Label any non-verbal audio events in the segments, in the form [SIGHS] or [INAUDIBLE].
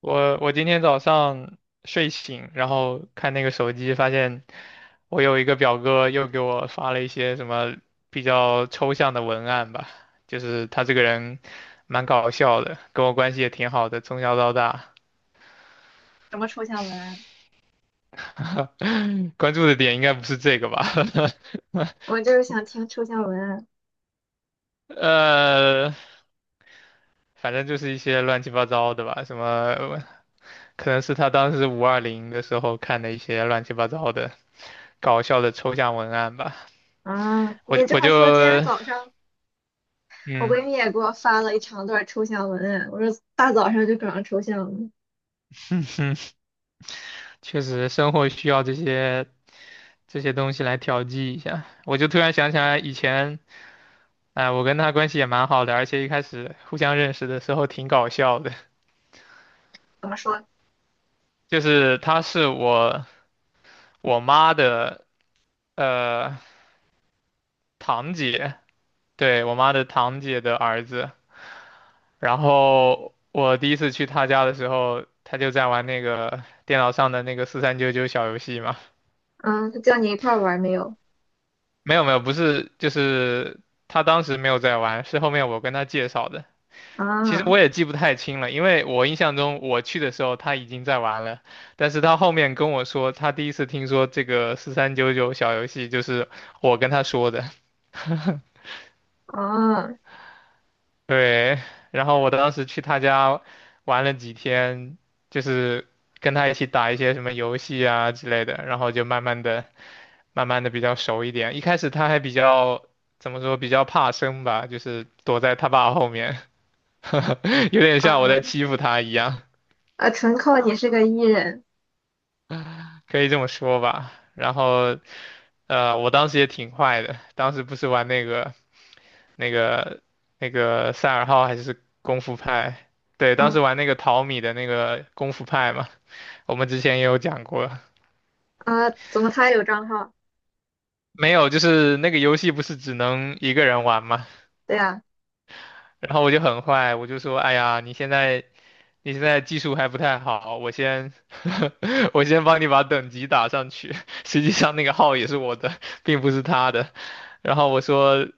我今天早上睡醒，然后看那个手机，发现我有一个表哥又给我发了一些什么比较抽象的文案吧，就是他这个人蛮搞笑的，跟我关系也挺好的，从小到大，什么抽象文案？[LAUGHS] 关注的点应该不是这个吧？[LAUGHS] 我就是想听抽象文案呃，反正就是一些乱七八糟的吧，什么可能是他当时520的时候看的一些乱七八糟的搞笑的抽象文案吧。啊！我你这我么就说，今天早上我嗯，闺蜜也给我发了一长段抽象文案。我说大早上就搞上抽象了，确实生活需要这些东西来调剂一下。我就突然想起来以前，哎、我跟他关系也蛮好的，而且一开始互相认识的时候挺搞笑的，怎么说？就是他是我妈的呃堂姐，对，我妈的堂姐的儿子。然后我第一次去他家的时候，他就在玩那个电脑上的那个四三九九小游戏嘛。嗯，他叫你一块儿玩没有？没有没有，不是，就是他当时没有在玩，是后面我跟他介绍的。其实啊我也记不太清了，因为我印象中我去的时候他已经在玩了，但是他后面跟我说他第一次听说这个四三九九小游戏，就是我跟他说的。[LAUGHS] 啊对，然后我当时去他家玩了几天，就是跟他一起打一些什么游戏啊之类的，然后就慢慢的慢慢的比较熟一点。一开始他还比较怎么说，比较怕生吧，就是躲在他爸后面，[LAUGHS] 有点像我啊！在欺负他一样，啊！纯靠你是个艺人。可以这么说吧。然后，我当时也挺坏的，当时不是玩那个那个赛尔号还是功夫派？对，当时嗯玩那个淘米的那个功夫派嘛，我们之前也有讲过。啊，怎么他也有账号？没有，就是那个游戏不是只能一个人玩嘛，对呀、然后我就很坏，我就说，哎呀，你现在技术还不太好，我先 [LAUGHS] 我先帮你把等级打上去。实际上那个号也是我的，并不是他的。然后我说，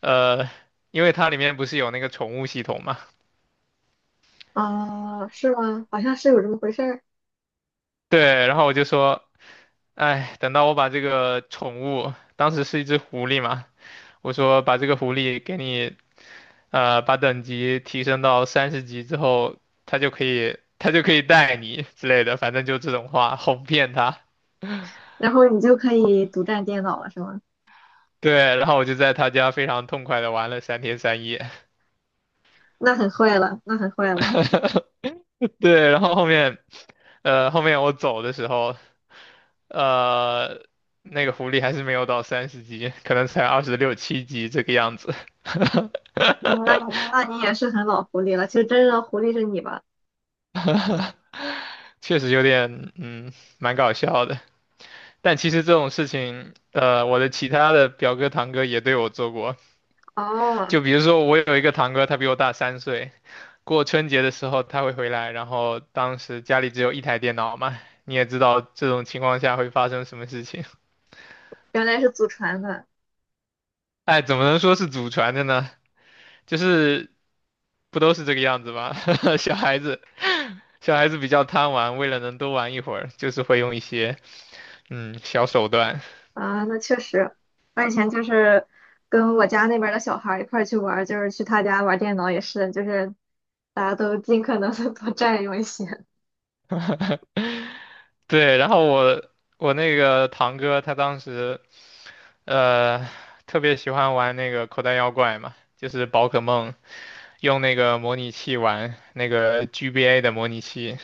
呃，因为它里面不是有那个宠物系统嘛，啊，啊是吗？好像是有这么回事儿。对。然后我就说，哎，等到我把这个宠物，当时是一只狐狸嘛，我说把这个狐狸给你，把等级提升到三十级之后，它就可以带你之类的，反正就这种话，哄骗他。然后你就可以独占电脑了，是吗？[LAUGHS] 对，然后我就在他家非常痛快的玩了3天3夜。那很坏了，那很坏了。[LAUGHS] 对，然后后面我走的时候，呃，那个狐狸还是没有到三十级，可能才二十六七级这个样子，那你也是很老狐狸了。其实真正的狐狸是你吧？[LAUGHS] 确实有点，蛮搞笑的。但其实这种事情，我的其他的表哥堂哥也对我做过，哦，就比如说我有一个堂哥，他比我大三岁，过春节的时候他会回来，然后当时家里只有一台电脑嘛，你也知道这种情况下会发生什么事情。原来是祖传的 [LAUGHS] 哎，怎么能说是祖传的呢？就是不都是这个样子吗？[LAUGHS] 小孩子，小孩子比较贪玩，为了能多玩一会儿，就是会用一些小手段。啊，那确实。我以前就是跟我家那边儿的小孩儿一块儿去玩儿就是去他家玩儿电脑也是，就是大家都尽可能的多占用一些。对，然后我那个堂哥他当时呃特别喜欢玩那个口袋妖怪嘛，就是宝可梦。用那个模拟器玩那个 GBA 的模拟器。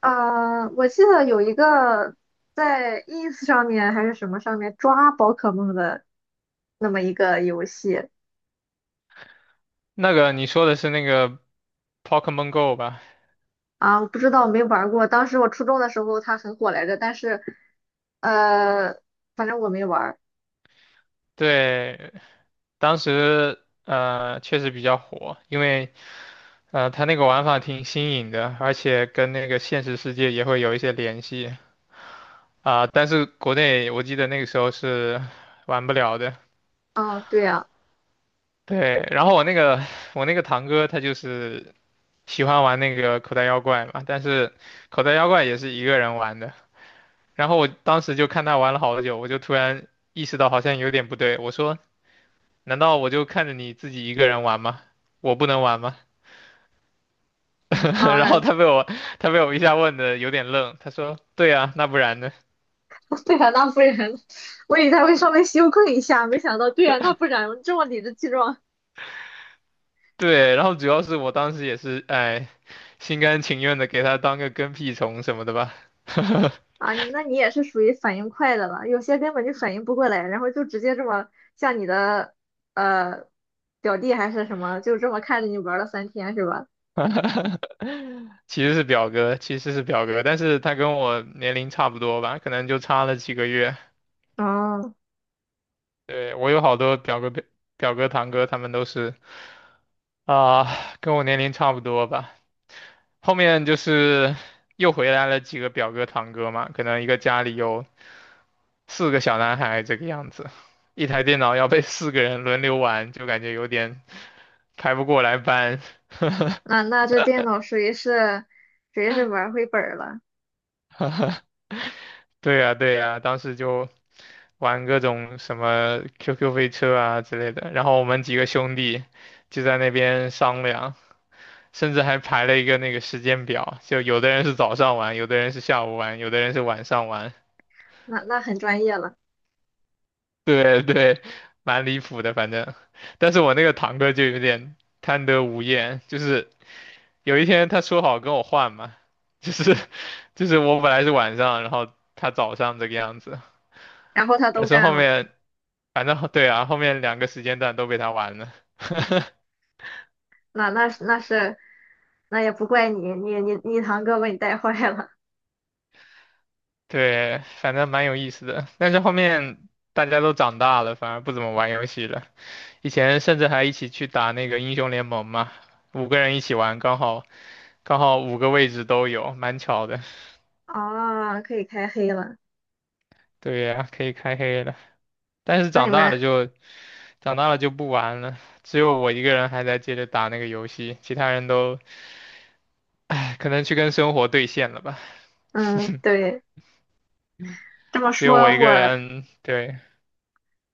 啊，我记得有一个在 ins 上面还是什么上面抓宝可梦的那么一个游戏，那个你说的是那个 Pokemon Go 吧？啊，我不知道，没玩儿过。当时我初中的时候它很火来着，但是，呃，反正我没玩儿。对，当时确实比较火，因为它那个玩法挺新颖的，而且跟那个现实世界也会有一些联系啊、但是国内我记得那个时候是玩不了的。啊，对呀，对，然后我那个堂哥他就是喜欢玩那个口袋妖怪嘛，但是口袋妖怪也是一个人玩的，然后我当时就看他玩了好久，我就突然意识到好像有点不对，我说难道我就看着你自己一个人玩吗？我不能玩吗？[LAUGHS] 然后啊，他被 [LAUGHS] 我他被我一下问的有点愣，他说对啊，那不然呢？对呀，那不然，我以为他会稍微羞愧一下，没想到，对呀，那不然这么理直气壮对，然后主要是我当时也是哎心甘情愿的给他当个跟屁虫什么的吧。啊，那你也是属于反应快的了，有些根本就反应不过来，然后就直接这么像你的呃表弟还是什么，就这么看着你玩了3天是吧？[LAUGHS] 其实是表哥，但是他跟我年龄差不多吧，可能就差了几个月。哦，对，我有好多表哥、表哥、堂哥，他们都是啊，跟我年龄差不多吧。后面就是又回来了几个表哥堂哥嘛，可能一个家里有四个小男孩这个样子，一台电脑要被四个人轮流玩，就感觉有点排不过来班。[LAUGHS] 那这电脑属于是玩儿回本儿了，对呀，对呀，当时就玩各种什么 QQ 飞车啊之类的，然后我们几个兄弟就在那边商量，甚至还排了一个那个时间表，就有的人是早上玩，有的人是下午玩，有的人是晚上玩。那很专业了。[LAUGHS] 对对，蛮离谱的，反正。但是我那个堂哥就有点贪得无厌，就是有一天他说好跟我换嘛，[LAUGHS] 就是就是我本来是晚上，然后他早上这个样子，然后他都但是占后了，面反正对啊，后面两个时间段都被他玩了。[LAUGHS] 那那也不怪你，你堂哥把你带坏了对，反正蛮有意思的。但是后面大家都长大了，反而不怎么玩游戏了。以前甚至还一起去打那个英雄联盟嘛，五个人一起玩，刚好五个位置都有，蛮巧的。啊 [LAUGHS]，可以开黑了。对呀，可以开黑了。但是那你长大了们，就长大了就不玩了，只有我一个人还在接着打那个游戏，其他人都 [SIGHS] 唉可能去跟生活对线了吧，嗯，[LAUGHS] 对，这么只有我说一个我人，对。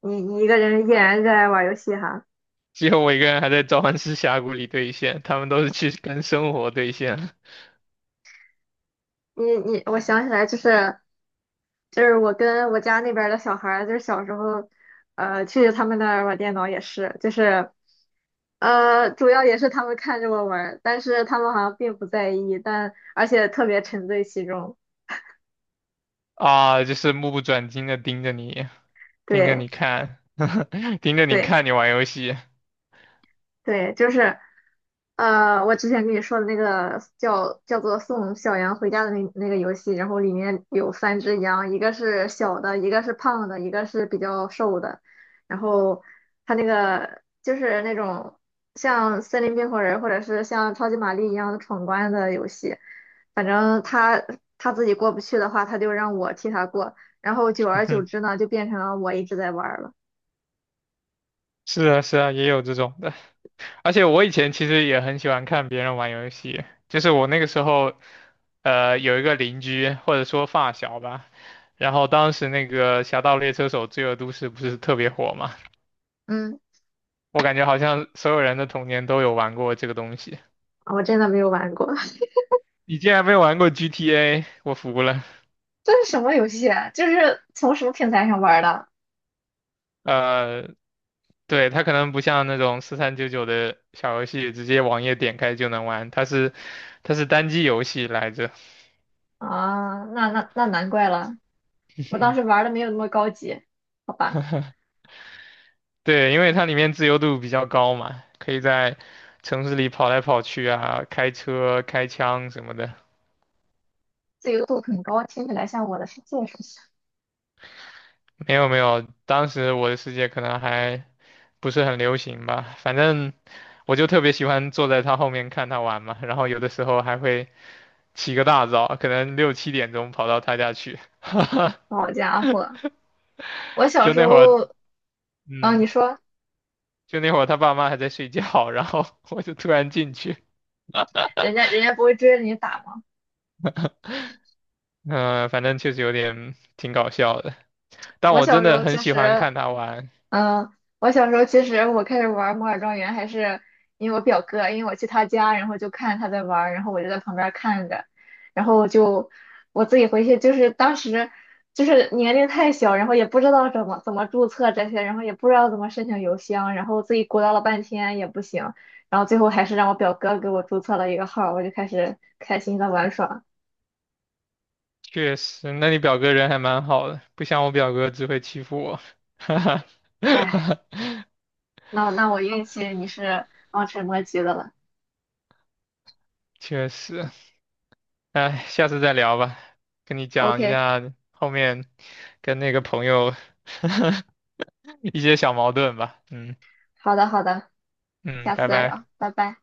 你一个人依然热爱玩游戏哈，只有我一个人还在召唤师峡谷里兑现，他们都是去跟生活兑现我想起来就是我跟我家那边儿的小孩儿就是小时候，去他们那儿玩电脑也是，就是。主要也是他们看着我玩儿但是他们好像并不在意，但而且特别沉醉其中。啊，就是目不转睛的盯着你，盯着对你看，[LAUGHS] 盯着你对，看你玩游戏。对，就是，我之前跟你说的那个叫做《送小羊回家》的那个游戏，然后里面有三只羊，一个是小的，一个是胖的，一个是比较瘦的。然后它那个就是那种像森林冰火人或者是像超级玛丽一样的闯关的游戏，反正他自己过不去的话，他就让我替他过，然后久而久之 [LAUGHS] 呢，就变成了我一直在玩儿了。是啊，是啊，也有这种的。而且我以前其实也很喜欢看别人玩游戏，就是我那个时候，有一个邻居或者说发小吧，然后当时那个《侠盗猎车手：罪恶都市》不是特别火嘛，嗯，我感觉好像所有人的童年都有玩过这个东西。我真的没有玩过。你竟然没玩过 GTA，我服了。这是什么游戏啊就是从什么平台上玩的呃，对，它可能不像那种四三九九的小游戏，直接网页点开就能玩，它是单机游戏来着。啊？那难怪了，我当时玩的没有那么高级，好吧？对，因为它里面自由度比较高嘛，可以在城市里跑来跑去啊，开车、开枪什么的。自由度很高，听起来像我的世界似的。没有没有，当时我的世界可能还不是很流行吧，反正我就特别喜欢坐在他后面看他玩嘛，然后有的时候还会起个大早，可能六七点钟跑到他家去，[LAUGHS] 好家伙，我小就时那会儿，候，啊，嗯，你说就那会儿他爸妈还在睡觉，然后 [LAUGHS] 我就突然进去，人家不会追着你打吗？嗯、反正确实有点挺搞笑的，但我我真小时的候很其喜欢实看他玩，嗯，我小时候其实我开始玩《摩尔庄园》还是因为我表哥，因为我去他家，然后就看他在玩儿然后我就在旁边儿看着，然后就我自己回去，就是当时就是年龄太小，然后也不知道怎么注册这些，然后也不知道怎么申请邮箱，然后自己鼓捣了半天也不行，然后最后还是让我表哥给我注册了一个号儿我就开始开心的玩耍。确实，那你表哥人还蛮好的，不像我表哥只会欺负我，[LAUGHS] 哈哈。哎，那我运气你是望尘莫及的了。确实，哎，下次再聊吧，跟你讲一 OK，下后面跟那个朋友 [LAUGHS] 一些小矛盾吧。嗯好的好的，嗯，下次拜再聊，拜。拜拜。